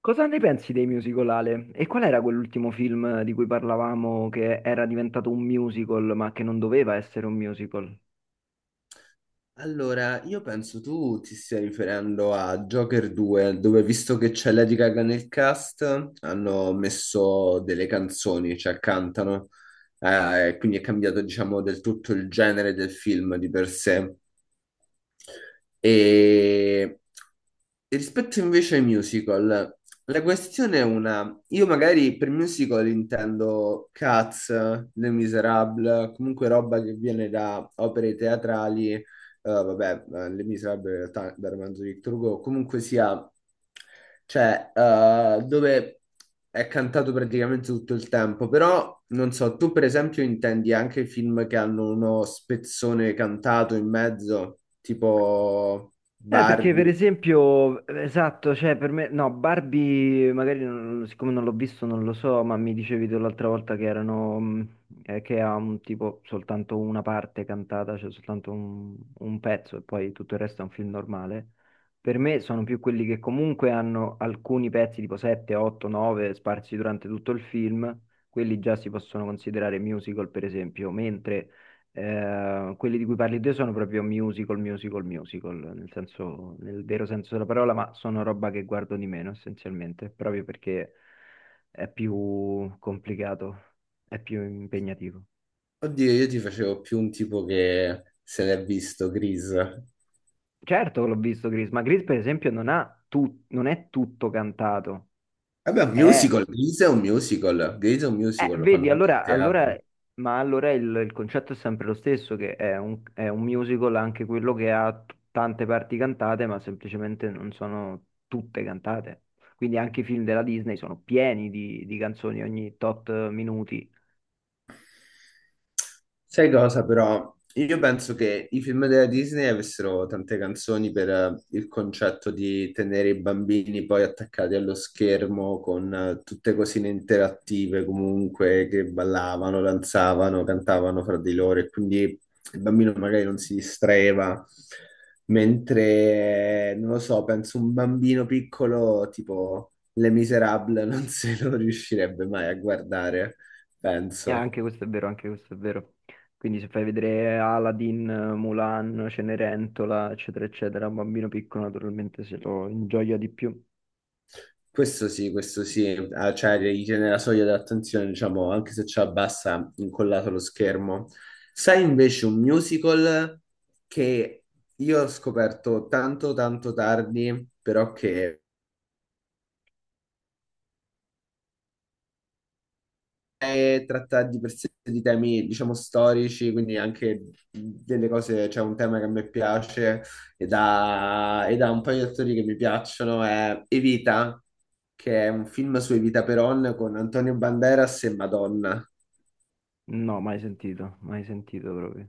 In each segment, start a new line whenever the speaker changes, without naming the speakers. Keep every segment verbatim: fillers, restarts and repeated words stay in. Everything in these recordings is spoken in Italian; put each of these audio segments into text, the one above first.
Cosa ne pensi dei musical, Ale? E qual era quell'ultimo film di cui parlavamo che era diventato un musical, ma che non doveva essere un musical?
Allora, io penso tu ti stia riferendo a Joker due, dove visto che c'è Lady Gaga nel cast, hanno messo delle canzoni, cioè cantano, eh, e quindi è cambiato, diciamo, del tutto il genere del film di per sé. E Rispetto invece ai musical, la questione è una. Io magari per musical intendo Cats, Les Misérables, comunque roba che viene da opere teatrali, eh, vabbè, eh, Les Misérables in realtà dal romanzo di Victor Hugo, comunque sia, cioè, eh, dove è cantato praticamente tutto il tempo, però non so, tu per esempio intendi anche film che hanno uno spezzone cantato in mezzo, tipo
Eh, perché per
Barbie.
esempio, esatto, cioè per me, no, Barbie magari non- siccome non l'ho visto non lo so, ma mi dicevi tu l'altra volta che erano, mh, eh, che ha un tipo soltanto una parte cantata, cioè soltanto un, un pezzo e poi tutto il resto è un film normale. Per me sono più quelli che comunque hanno alcuni pezzi tipo sette, otto, nove sparsi durante tutto il film, quelli già si possono considerare musical per esempio, mentre eh, quelli di cui parli te sono proprio musical, musical, musical, nel senso, nel vero senso della parola, ma sono roba che guardo di meno essenzialmente, proprio perché è più complicato, è più impegnativo.
Oddio, io ti facevo più un tipo che se l'è visto, Grease.
Certo che l'ho visto Grease, ma Grease per esempio non ha tu- non è tutto cantato,
Vabbè, un
è
musical, Grease è un musical, Grease è un
Eh,
musical, lo fanno
vedi,
anche a
allora, allora-
teatro.
ma allora il, il concetto è sempre lo stesso, che è un, è un musical anche quello che ha t- tante parti cantate, ma semplicemente non sono tutte cantate. Quindi anche i film della Disney sono pieni di, di canzoni ogni tot minuti.
Sai cosa però? Io penso che i film della Disney avessero tante canzoni per eh, il concetto di tenere i bambini poi attaccati allo schermo con eh, tutte cosine interattive comunque che ballavano, danzavano, cantavano fra di loro e quindi il bambino magari non si distraeva. Mentre, non lo so, penso un bambino piccolo tipo Les Miserables non se lo riuscirebbe mai a guardare,
E
penso.
anche questo è vero, anche questo è vero. Quindi se fai vedere Aladdin, Mulan, Cenerentola, eccetera, eccetera, un bambino piccolo naturalmente se lo ingioia di più.
Questo sì, questo sì, ah, cioè gli tiene la soglia dell'attenzione, diciamo, anche se ci abbassa incollato lo schermo. Sai invece un musical che io ho scoperto tanto tanto tardi, però che eh, tratta di per sé di temi, diciamo, storici, quindi anche delle cose, c'è un tema che a me piace ed ha, ed ha un paio di attori che mi piacciono, è Evita, che è un film su Evita Peron con Antonio Banderas e Madonna.
No, mai sentito, mai sentito proprio.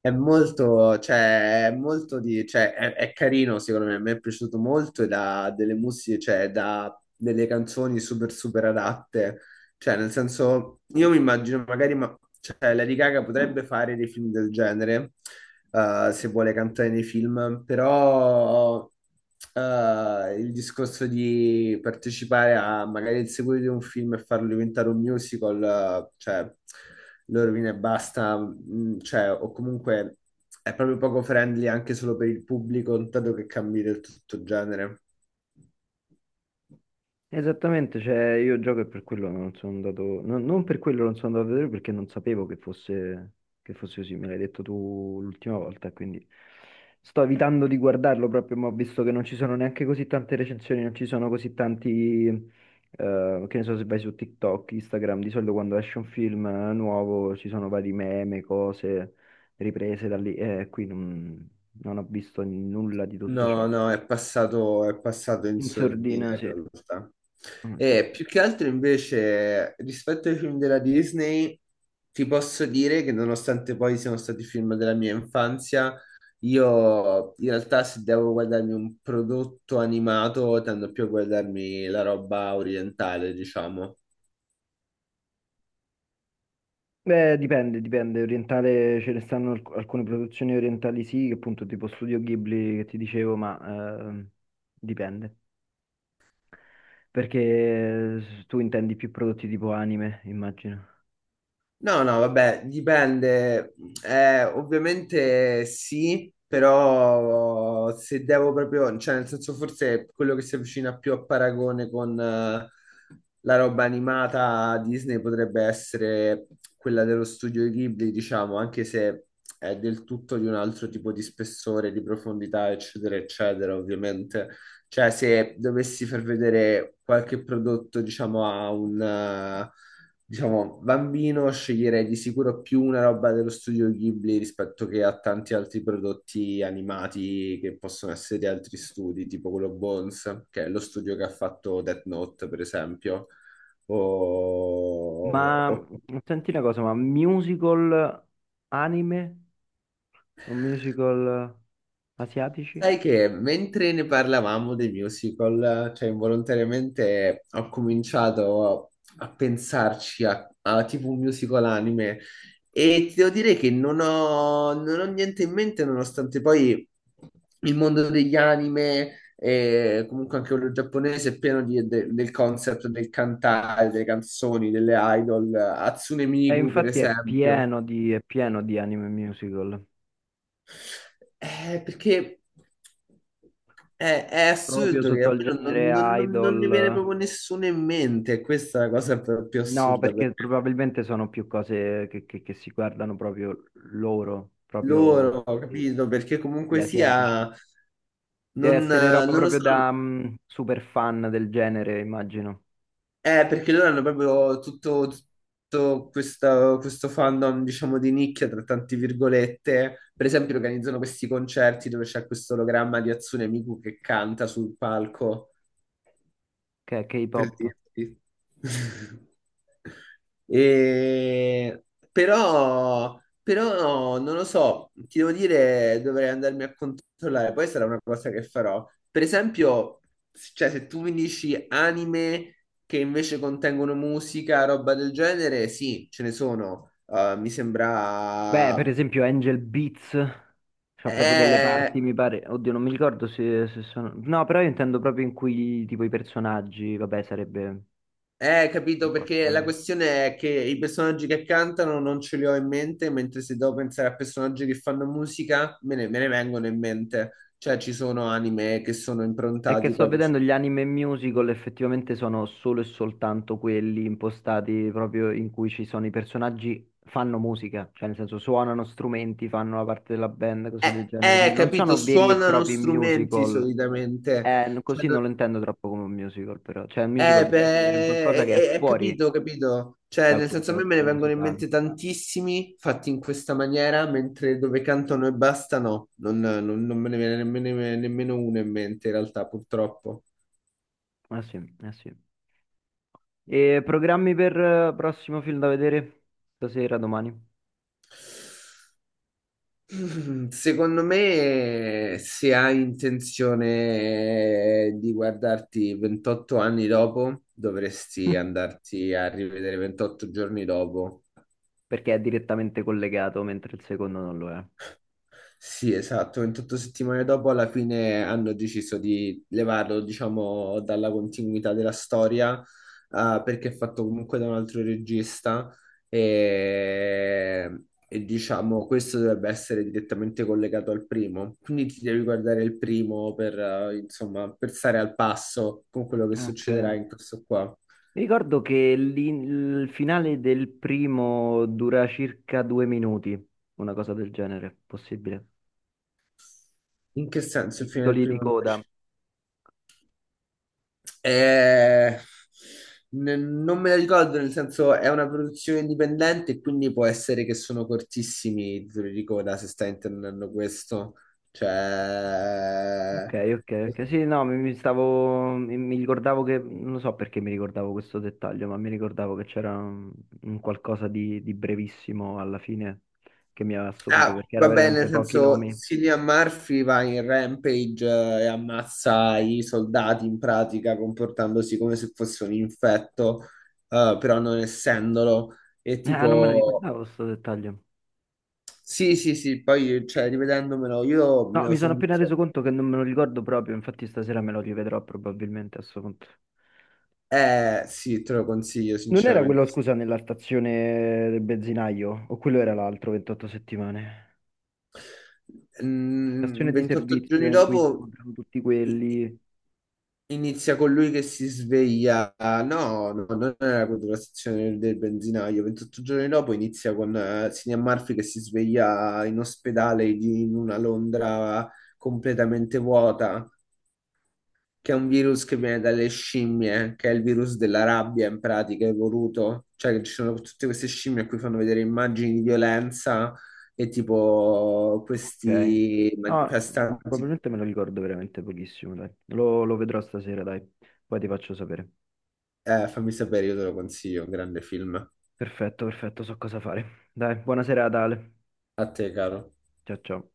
È molto, cioè, è molto di, cioè, è, è carino secondo me, a me è piaciuto molto ed ha delle musiche, cioè, da delle canzoni super, super adatte. Cioè, nel senso, io mi immagino magari, ma, cioè, Lady Gaga potrebbe fare dei film del genere, eh, se vuole cantare nei film, però eh, il discorso di partecipare a magari il seguito di un film e farlo diventare un musical, eh, cioè lo rovina e basta, mm, cioè, o comunque è proprio poco friendly anche solo per il pubblico, dato che cambi del tutto genere.
Esattamente, cioè io gioco e per quello non sono andato, no- non per quello non sono andato a vedere perché non sapevo che fosse, che fosse così, me l'hai detto tu l'ultima volta, quindi sto evitando di guardarlo proprio, ma ho visto che non ci sono neanche così tante recensioni, non ci sono così tanti, eh, che ne so, se vai su TikTok, Instagram, di solito quando esce un film eh, nuovo ci sono vari meme, cose riprese da lì, e qui non, non ho visto nulla di tutto ciò.
No, no, è passato, è passato in
In
sordina
sordina, sì.
in realtà.
Mm, sì.
E più che altro invece, rispetto ai film della Disney, ti posso dire che nonostante poi siano stati film della mia infanzia, io in realtà se devo guardarmi un prodotto animato, tendo più a guardarmi la roba orientale, diciamo.
Beh, dipende, dipende. Orientale ce ne stanno alc- alcune produzioni orientali sì, che appunto tipo Studio Ghibli che ti dicevo, ma ehm, dipende. Perché eh, tu intendi più prodotti tipo anime, immagino.
No, no, vabbè, dipende. Eh, ovviamente sì, però se devo proprio, cioè nel senso forse quello che si avvicina più a paragone con eh, la roba animata Disney potrebbe essere quella dello studio Ghibli, diciamo, anche se è del tutto di un altro tipo di spessore, di profondità, eccetera, eccetera, ovviamente. Cioè, se dovessi far vedere qualche prodotto, diciamo, a un, eh, diciamo, bambino, sceglierei di sicuro più una roba dello studio Ghibli rispetto che a tanti altri prodotti animati che possono essere di altri studi, tipo quello Bones, che è lo studio che ha fatto Death Note, per esempio, o,
Ma
o
mh, senti una cosa, ma musical anime? O musical asiatici?
Sai che mentre ne parlavamo dei musical, cioè involontariamente ho cominciato a pensarci a, a tipo un musical anime e ti devo dire che non ho, non ho niente in mente nonostante poi il mondo degli anime e comunque anche quello giapponese è pieno di- de- del concept del cantare, delle canzoni, delle idol, Hatsune
E
Miku per
infatti è
esempio.
pieno di, è pieno di anime musical,
Eh, perché è, è
proprio
assurdo che
sotto
a
al
me non,
genere
non- non- non ne viene
idol.
proprio nessuno in mente, questa è la cosa più, più
No,
assurda per
perché probabilmente sono più cose che, che- che si guardano proprio loro, proprio
loro,
eh,
capito? Perché
gli
comunque
asiatici.
sia,
Deve
non,
essere roba
non lo
proprio
so,
da mm, super fan del genere, immagino,
è perché loro hanno proprio tutto, tutto questa- questo fandom, diciamo, di nicchia, tra tante virgolette. Per esempio organizzano questi concerti dove c'è questo ologramma di Hatsune Miku che canta sul palco.
che è
Per
K-pop.
dirti. E- Però, però non lo so, ti devo dire, dovrei andarmi a controllare, poi sarà una cosa che farò. Per esempio, s- cioè, se tu mi dici anime che invece contengono musica, roba del genere, sì, ce ne sono. Eh, mi
Beh,
sembra...
per esempio Angel Beats, c'ha proprio delle
Eh,
parti, mi pare, oddio, non mi ricordo se, se sono... No, però io intendo proprio in cui tipo i personaggi, vabbè, sarebbe
Eh,
un
capito,
po'
perché la
strano.
questione è che i personaggi che cantano non ce li ho in mente, mentre se devo pensare a personaggi che fanno musica, me ne, me ne vengono in mente. Cioè, ci sono anime che sono
È che
improntati
sto
proprio su...
vedendo gli anime musical, effettivamente sono solo e soltanto quelli impostati proprio in cui ci sono i personaggi fanno musica, cioè nel senso suonano strumenti, fanno la parte della band, cose del
Eh,
genere,
eh,
quindi non
capito,
sono veri e
suonano
propri
strumenti
musical.
solitamente.
Eh, n-
Cioè,
così non
no-
lo intendo troppo come un musical, però, cioè un musical
Eh,
deve essere un qualcosa che è
beh, è,
fuori
capito, capito. Cioè,
dal
nel senso, a me me ne
contesto
vengono in
musicale.
mente tantissimi fatti in questa maniera, mentre dove cantano e basta, no, non, non- non me ne viene nemmeno, nemmeno uno in mente, in realtà, purtroppo.
Eh sì, eh sì. E programmi per eh, prossimo film da vedere stasera, domani?
Mm, Secondo me, se hai intenzione di guardarti ventotto anni dopo, dovresti andarti a rivedere ventotto giorni dopo.
Perché è direttamente collegato, mentre il secondo non lo è.
Sì, esatto, ventotto settimane dopo alla fine hanno deciso di levarlo, diciamo, dalla continuità della storia, ah, perché è fatto comunque da un altro regista e, e, diciamo questo dovrebbe essere direttamente collegato al primo, quindi ti devi guardare il primo per, eh, insomma, per stare al passo con quello che
Ok.
succederà in questo qua.
Mi ricordo che l'in- il finale del primo dura circa due minuti, una cosa del genere, possibile.
In che senso il
I
fine del
titoli di
primo?
coda.
Eh, n- non me la ricordo, nel senso è una produzione indipendente, quindi può essere che sono cortissimi i titoli di coda se stai intendendo questo. Cioè...
Ok, ok, ok. Sì, no, mi, mi stavo, mi, mi ricordavo che, non so perché mi ricordavo questo dettaglio, ma mi ricordavo che c'era un, un qualcosa di, di brevissimo alla fine che mi aveva stupito
Ah,
perché era
va bene, nel
veramente pochi
senso
nomi.
Cillian Murphy va in rampage eh, e ammazza i soldati in pratica comportandosi come se fosse un infetto, eh, però non essendolo. E
Ah, non me la
tipo...
ricordavo questo dettaglio.
Sì, sì, sì, poi cioè, rivedendomelo, io me
No,
lo
mi sono
sono
appena
visto.
reso conto che non me lo ricordo proprio, infatti stasera me lo rivedrò probabilmente a sto punto.
Eh, sì, te lo consiglio,
Non era quello,
sinceramente.
scusa, nella stazione del benzinaio? O quello era l'altro ventotto settimane?
Mm,
Stazione di
ventotto
servizio
giorni
in cui si
dopo
incontrano tutti
i- i-
quelli.
inizia con lui che si sveglia. No, no, non è la contrastazione del benzinaio. ventotto giorni dopo inizia con eh, Cillian Murphy che si sveglia in ospedale di- in una Londra completamente vuota. Che è un virus che viene dalle scimmie, che è il virus della rabbia in pratica, evoluto. Cioè che ci sono tutte queste scimmie a cui fanno vedere immagini di violenza e tipo
Ok.
questi
Ah,
manifestanti.
probabilmente me lo ricordo veramente pochissimo, dai. Lo, lo vedrò stasera, dai. Poi ti faccio sapere.
Eh, fammi sapere, io te lo consiglio, un grande film.
Perfetto, perfetto, so cosa fare. Dai, buona serata, Ale.
A te, caro.
Ciao, ciao.